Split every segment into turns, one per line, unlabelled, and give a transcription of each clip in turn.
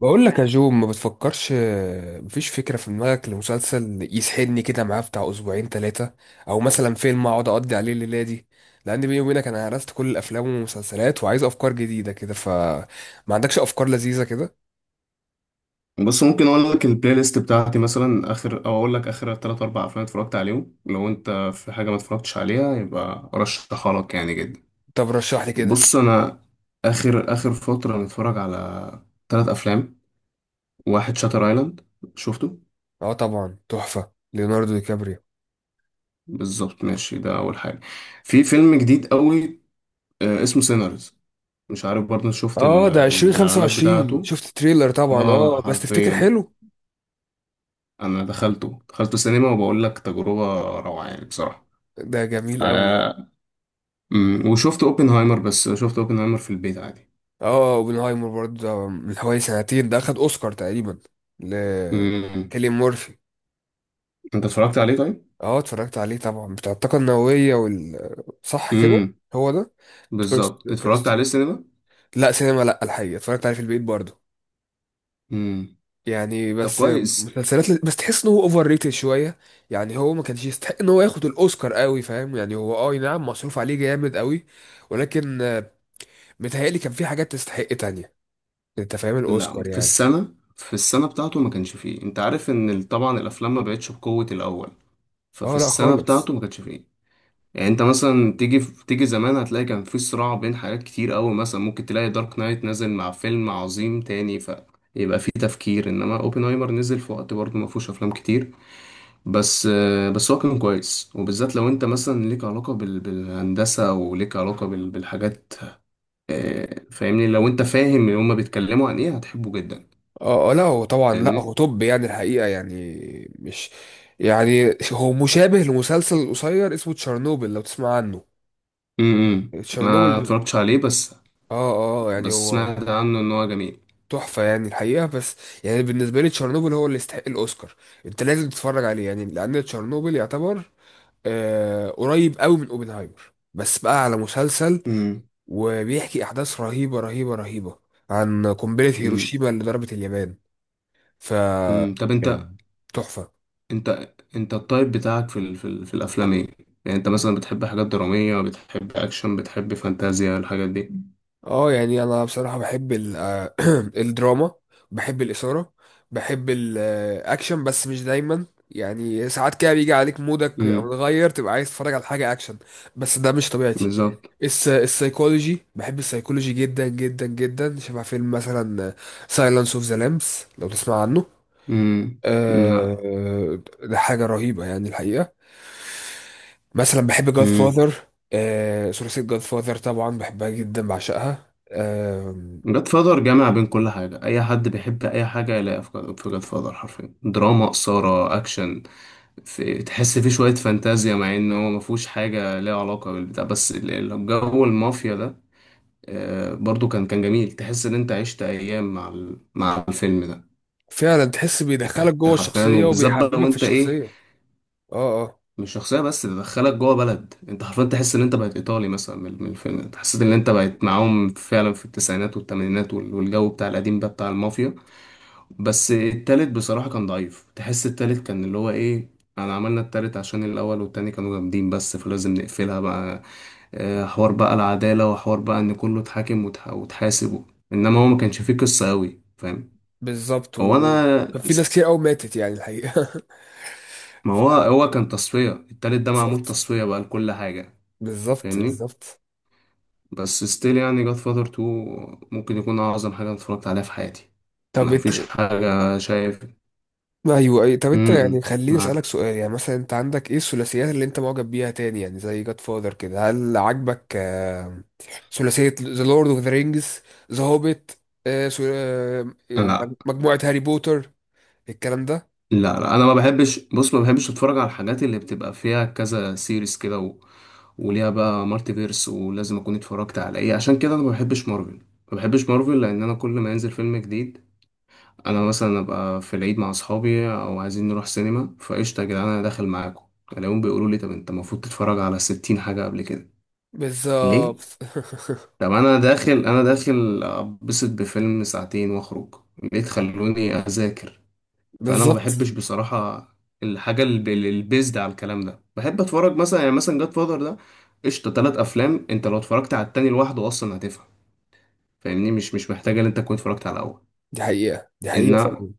بقول لك يا جو، ما بتفكرش؟ مفيش فكرة في دماغك لمسلسل يسحلني كده معاه بتاع 2 أو 3 أسابيع، أو مثلا فيلم أقعد أقضي عليه الليلة دي؟ لأن بيني وبينك أنا هرست كل الأفلام والمسلسلات وعايز أفكار جديدة كده. فما عندكش أفكار لذيذة كده؟
بص ممكن اقول لك البلاي ليست بتاعتي مثلا اخر او اقول لك اخر تلات اربع افلام اتفرجت عليهم لو انت في حاجه ما اتفرجتش عليها يبقى ارشحها لك يعني جدا.
طب رشح لي كده.
بص انا اخر اخر فتره متفرج على تلات افلام. واحد شاتر ايلاند شفته.
أه طبعا، تحفة ليوناردو دي كابريو.
بالظبط ماشي ده اول حاجه. في فيلم جديد قوي اسمه سينرز. مش عارف برضه شفت
أه ده عشرين خمسة
الاعلانات
وعشرين
بتاعته.
شفت تريلر طبعا،
اه
أه بس تفتكر
حرفيا
حلو؟
انا دخلته سينما وبقول لك تجربه روعه يعني بصراحه.
ده جميل أوي.
آه، وشفت اوبنهايمر، بس شفت اوبنهايمر في البيت عادي.
أه اوبنهايمر برضه، ده من حوالي سنتين، ده أخد أوسكار تقريبا ل
امم.
كيليان مورفي.
انت اتفرجت عليه طيب؟
اه اتفرجت عليه طبعا، بتاع الطاقة النووية وال، صح كده؟
امم.
هو ده. كريست
بالظبط اتفرجت عليه
كريست
سينما.
لا سينما، لا الحقيقة اتفرجت عليه في البيت برضه،
امم.
يعني
طب
بس.
كويس.
مسلسلات بس تحس ان هو اوفر ريتد شوية، يعني هو ما كانش يستحق ان هو ياخد الاوسكار قوي، فاهم يعني؟ هو اه نعم مصروف عليه جامد قوي، ولكن متهيألي كان في حاجات تستحق تانية. انت فاهم
لا،
الاوسكار
في
يعني.
السنه بتاعته ما كانش فيه. انت عارف ان طبعا الافلام ما بقتش بقوه الاول. ففي
اه لا
السنه
خالص.
بتاعته ما كانش فيه. يعني انت مثلا تيجي زمان هتلاقي كان في صراع بين حاجات كتير قوي، مثلا ممكن تلاقي دارك نايت نازل مع فيلم عظيم تاني، فيبقى في تفكير. انما اوبنهايمر نزل في وقت برضه ما فيهوش افلام كتير. بس بس هو كان كويس، وبالذات لو انت مثلا ليك علاقة بالهندسة وليك علاقة بالحاجات، فاهمني. لو انت فاهم اللي هما بيتكلموا عن ايه هتحبه جدا.
اه لا هو طبعا، لا هو
فاهمني.
توب يعني الحقيقة، يعني مش، يعني هو مشابه لمسلسل قصير اسمه تشيرنوبل، لو تسمع عنه.
امم. ما
تشيرنوبل،
اتفرجتش عليه، بس
اه اه يعني
بس
هو
سمعت عنه ان هو جميل.
تحفة يعني الحقيقة. بس يعني بالنسبة لي تشيرنوبل هو اللي يستحق الأوسكار. انت لازم تتفرج عليه يعني، لأن تشيرنوبل يعتبر آه قريب قوي من اوبنهايمر، بس بقى على مسلسل.
امم.
وبيحكي أحداث رهيبة رهيبة رهيبة عن قنبلة
امم.
هيروشيما اللي ضربت اليابان. ف،
أمم. طب انت،
يعني تحفة.
انت انت التايب بتاعك في الافلام ايه؟ يعني انت مثلا بتحب حاجات درامية، بتحب اكشن، بتحب فانتازيا، الحاجات دي؟
اه يعني انا بصراحة بحب ال الدراما، بحب الإثارة، بحب الاكشن بس مش دايما. يعني ساعات كده بيجي عليك مودك
امم.
متغير، تبقى عايز تتفرج على حاجة اكشن، بس ده مش طبيعتي.
بالظبط.
السايكولوجي، بحب السايكولوجي جدا جدا جدا، شبه فيلم مثلا سايلانس اوف ذا لامبس لو تسمع عنه.
امم. لا.
آه، ده حاجة رهيبة يعني الحقيقة. مثلا بحب جاد فاذر، ثلاثية جاد فاذر طبعا بحبها جدا، بعشقها.
جاد فاذر جامع بين كل حاجة، أي حد بيحب أي حاجة يلاقيها في جاد فاذر. حرفيا دراما، إثارة، أكشن. في تحس فيه شوية فانتازيا مع إن هو مفهوش حاجة ليها علاقة بالبتاع، بس جو المافيا ده، برضو كان جميل. تحس إن أنت عشت أيام مع مع الفيلم ده.
فعلا تحس بيدخلك جوه
يعني حرفيا،
الشخصية
وبالذات بقى لو
وبيحببك في
أنت إيه،
الشخصية. اه اه.
مش شخصية بس، ده دخلك جوه بلد. أنت حرفيا تحس إن أنت بقيت إيطالي مثلا. من الفيلم ده حسيت إن أنت بقيت معاهم فعلا في التسعينات والثمانينات، والجو بتاع القديم ده بتاع المافيا. بس التالت بصراحة كان ضعيف، تحس التالت كان اللي هو ايه، انا عملنا التالت عشان الاول والتاني كانوا جامدين، بس فلازم نقفلها بقى. حوار بقى العدالة، وحوار بقى ان كله اتحاكم وتحاسب و-، انما هو ما كانش فيه قصة قوي، فاهم.
بالظبط،
هو انا
وكان في ناس
است...
كتير قوي ماتت يعني الحقيقة.
ما
ف-
هو هو كان تصفية، التالت ده معمول
بالظبط،
تصفية بقى لكل حاجة.
بالظبط
فاهمني.
بالظبط.
بس ستيل، يعني جاد فاذر 2 ممكن يكون اعظم حاجة أنا اتفرجت عليها في حياتي.
طب
ما
انت،
فيش حاجة شايف.
ايوه اي طب
م-
انت يعني
م،
خليني اسالك
معاك.
سؤال، يعني مثلا انت عندك ايه الثلاثيات اللي انت معجب بيها تاني يعني زي جاد فاذر كده؟ هل عاجبك ثلاثيه ذا لورد اوف ذا رينجز، ذا هوبيت،
لا.
مجموعه هاري بوتر، الكلام ده؟
لا، لا انا ما بحبش. بص، ما بحبش اتفرج على الحاجات اللي بتبقى فيها كذا سيريز كده، و... وليها بقى مالتي فيرس، ولازم اكون اتفرجت على ايه. عشان كده انا ما بحبش مارفل. ما بحبش مارفل لان انا كل ما ينزل فيلم جديد، انا مثلا ابقى في العيد مع اصحابي او عايزين نروح سينما، فقشطه يا جدعان انا داخل معاكم، الاقيهم بيقولوا لي طب انت المفروض تتفرج على 60 حاجه قبل كده. ليه؟
بالظبط.
طب انا داخل، انا داخل ابسط بفيلم ساعتين واخرج، ليه تخلوني اذاكر؟ فانا ما
بالظبط،
بحبش بصراحه الحاجه البيزد على الكلام ده. بحب اتفرج مثلا، يعني مثلا جاد فاذر ده قشطه تلات افلام. انت لو اتفرجت على التاني لوحده اصلا هتفهم، فاهمني، مش مش محتاجه ان انت تكون اتفرجت على الاول.
دي حقيقه، دي
ان،
حقيقه فعلا.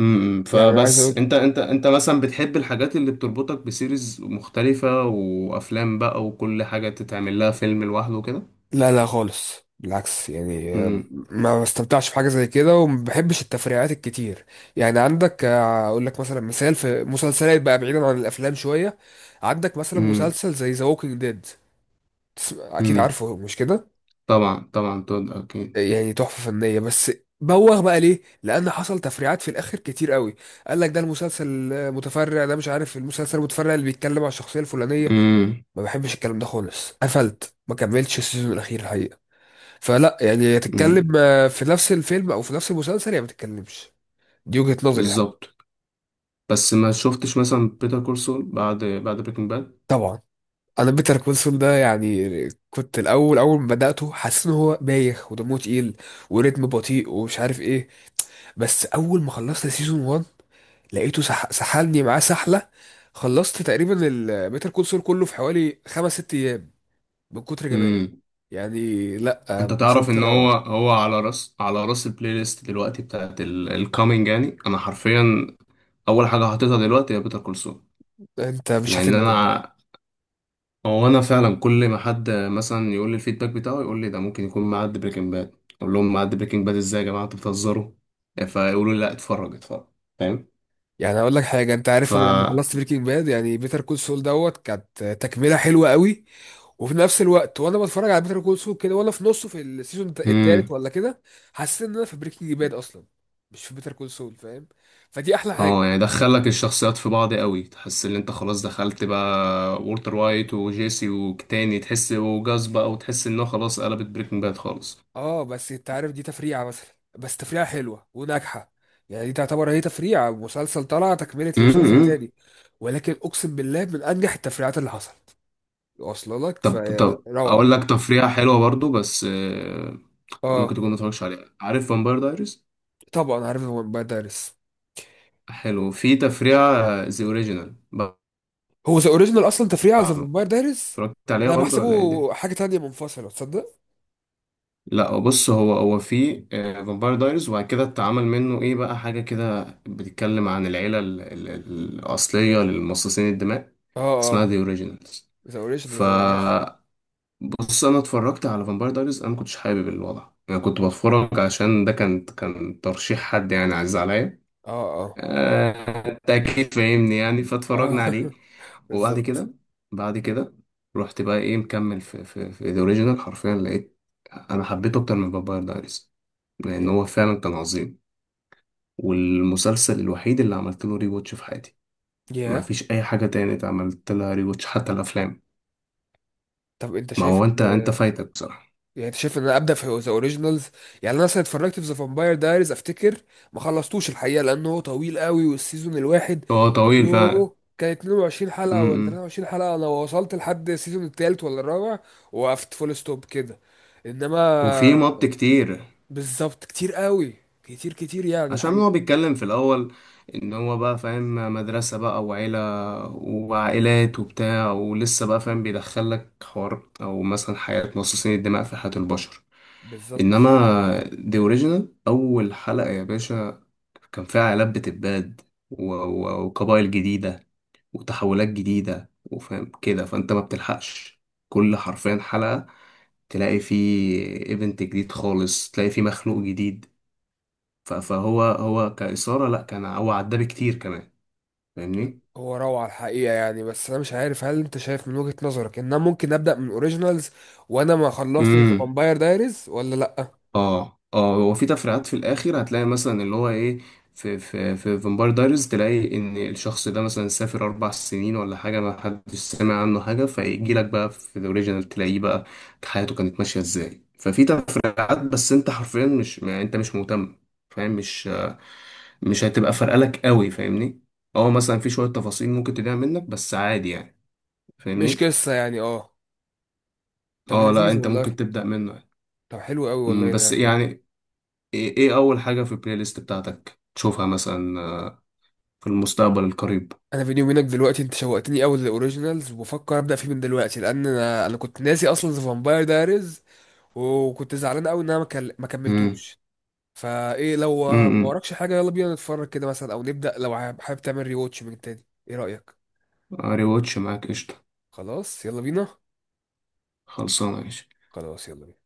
امم،
يعني انا عايز
فبس
اقول،
انت، انت مثلا بتحب الحاجات اللي بتربطك بسيريز مختلفه وافلام بقى، وكل حاجه تتعمل لها فيلم لوحده كده؟
لا لا خالص بالعكس يعني.
امم.
ما بستمتعش في حاجة زي كده، وما بحبش التفريعات الكتير. يعني عندك، اقول لك مثلا مثال، في مسلسلات بقى بعيدا عن الافلام شوية، عندك مثلا
امم.
مسلسل زي ذا ووكينج ديد، اكيد
امم.
عارفه مش كده؟
طبعا طبعا، تود اكيد.
يعني تحفة فنية، بس بوغ بقى، ليه؟ لان حصل تفريعات في الاخر كتير قوي. قال لك ده المسلسل متفرع، ده مش عارف المسلسل المتفرع اللي بيتكلم عن الشخصية الفلانية.
امم.
ما بحبش الكلام ده خالص، قفلت ما كملتش السيزون الاخير الحقيقة. فلا يعني، يا
امم.
تتكلم في نفس الفيلم او في نفس المسلسل، يا ما تتكلمش. دي وجهة نظري يعني.
بالظبط. بس ما شفتش مثلا بيتر كورسول بعد بريكنج باد.
طبعا. انا بيتر كونسون ده يعني، كنت الاول اول ما بداته حاسس ان هو بايخ ودمه تقيل، وريتم بطيء ومش عارف ايه. بس اول ما خلصت سيزون 1، لقيته سحلني معاه سحله. خلصت تقريبا بيتر كونسول كله في حوالي 5 أو 6 ايام من كتر جماله
امم.
يعني. لا
انت تعرف
مسلسل
ان هو
روعه،
هو على راس، على راس البلاي ليست دلوقتي بتاعت الكامينج، يعني انا حرفيا اول حاجه حاططها دلوقتي هي بيتر كورسول.
انت مش
لان
هتندم.
انا، هو انا فعلا كل ما حد مثلا يقول لي الفيدباك بتاعه يقول لي ده ممكن يكون معدي بريكنج باد، اقول لهم معدي بريكنج باد ازاي يا جماعه انتوا بتهزروا، فيقولوا لي لا اتفرج اتفرج. فاهم.
يعني اقول لك حاجه، انت
ف،
عارف انا لما خلصت بريكنج باد، يعني بيتر كول سول دوت كانت تكمله حلوه قوي. وفي نفس الوقت وانا بتفرج على بيتر كول سول كده، وانا في نصه في السيزون
امم.
التالت ولا كده، حسيت ان انا في بريكنج باد اصلا، مش في بيتر كول سول، فاهم؟ فدي احلى حاجه.
اه، يعني دخلك الشخصيات في بعض قوي، تحس ان انت خلاص دخلت بقى. وولتر وايت وجيسي، وتاني تحس وجاز بقى، وتحس انه خلاص قلبت بريكنج باد خالص.
اه بس انت عارف دي تفريعه مثلا، بس تفريعه حلوه وناجحه. يعني دي تعتبر هي تفريعه مسلسل طلع تكمله لمسلسل
امم.
تاني، ولكن اقسم بالله من انجح التفريعات اللي حصلت. واصله لك
طب، اقول
فروعه.
لك تفريحة حلوة برضو، بس ممكن
اه
تكون ما اتفرجتش عليها. عارف فامباير دايريز؟
طبعا عارف، هو باد دارس.
حلو، في تفريعة ذا اوريجينال.
هو ذا اوريجينال اصلا تفريع على ذا فامباير دايريز.
اتفرجت عليها
ده أنا
برضو
بحسبه
ولا ايه الدنيا؟
حاجه تانية منفصله، تصدق؟
لا بص، هو في فامباير دايرز، وبعد كده اتعمل منه ايه بقى، حاجة كده بتتكلم عن العيلة الأصلية للمصاصين الدماء،
اه
اسمها
اه.
ذا اوريجينالز.
ذا اوريجينال زي ما انا عارف.
فبص انا اتفرجت على فامباير دايرز، انا ما كنتش حابب الوضع، انا كنت بتفرج عشان ده كان ترشيح حد يعني عزيز عليا،
اه اه
انت اكيد فاهمني يعني،
اه.
فاتفرجنا عليه. وبعد
بالظبط.
كده، بعد كده رحت بقى ايه، مكمل في ذا اوريجينال، حرفيا لقيت انا حبيته اكتر من فامباير دايريز، لان
يا
هو فعلا كان عظيم. والمسلسل الوحيد اللي عملت له ري واتش في حياتي. ما
يا
فيش اي حاجه تانية عملت لها ري واتش، حتى الافلام.
طب انت
ما
شايف
هو
ان،
انت، انت فايتك بصراحه.
يعني انت شايف ان انا ابدا في ذا اوريجينالز؟ يعني انا مثلا اتفرجت في ذا فامباير دايريز، افتكر ما خلصتوش الحقيقه، لانه طويل قوي، والسيزون الواحد
هو طويل فعلا.
يو كان 22 حلقه ولا
امم.
23 حلقه. انا وصلت لحد السيزون الثالث ولا الرابع، وقفت فول ستوب كده. انما،
وفي مط كتير.
بالظبط كتير قوي، كتير كتير يعني
عشان هو
الحقيقة.
بيتكلم في الاول ان هو بقى فاهم مدرسه بقى وعيله، وعائلات وبتاع، ولسه بقى فاهم بيدخلك حوار او مثلا حياه مصاصين الدماء في حياه البشر.
بالظبط.
انما دي اوريجينال، اول حلقه يا باشا كان فيها عائلات بتتباد، وقبائل جديدة، وتحولات جديدة، وفاهم كده، فأنت ما بتلحقش. كل حرفيا حلقة تلاقي فيه ايفنت جديد خالص، تلاقي فيه مخلوق جديد. فهو هو كإثارة، لأ كان هو عدى بكتير كمان.
لا،
فاهمني؟
هو روعة الحقيقة يعني. بس أنا مش عارف، هل أنت شايف من وجهة نظرك إن أنا ممكن أبدأ من أوريجينالز وأنا ما خلصتش فامباير دايريز ولا لأ؟
اه، اه هو في تفريعات في الاخر، هتلاقي مثلا اللي هو ايه، في فامباير دايريز تلاقي ان الشخص ده مثلا سافر 4 سنين ولا حاجه، ما حدش سمع عنه حاجه، فيجي لك بقى في الاوريجينال تلاقيه بقى حياته كانت ماشيه ازاي. ففي تفريعات، بس انت حرفيا مش، ما انت مش مهتم، فاهم. مش، مش هتبقى فارقه لك قوي، فاهمني. اه،
اه
مثلا في
مثلا،
شويه تفاصيل ممكن تضيع منك بس عادي يعني.
مش
فاهمني.
قصة يعني أه. طب
اه لا،
لذيذ
انت
والله.
ممكن تبدا منه يعني.
طب حلو قوي
أمم،
والله
بس
ده.
يعني ايه، اول حاجة في البلاي ليست بتاعتك تشوفها مثلا في المستقبل القريب؟
أنا بيني وبينك دلوقتي أنت شوقتني أوي للأوريجينالز، وبفكر أبدأ فيه من دلوقتي، لأن أنا كنت ناسي أصلا ذا فامباير دايريز، وكنت زعلان أوي إن أنا ما كل- ما
امم.
كملتوش. فايه لو ما
امم.
وراكش حاجه، يلا بينا نتفرج كده مثلا، او نبدا لو حابب، تعمل ريواتش من تاني، ايه رايك؟
ريواتش معاك، قشطة.
خلاص يلا بينا.
خلصانة يا باشا.
خلاص يلا بينا.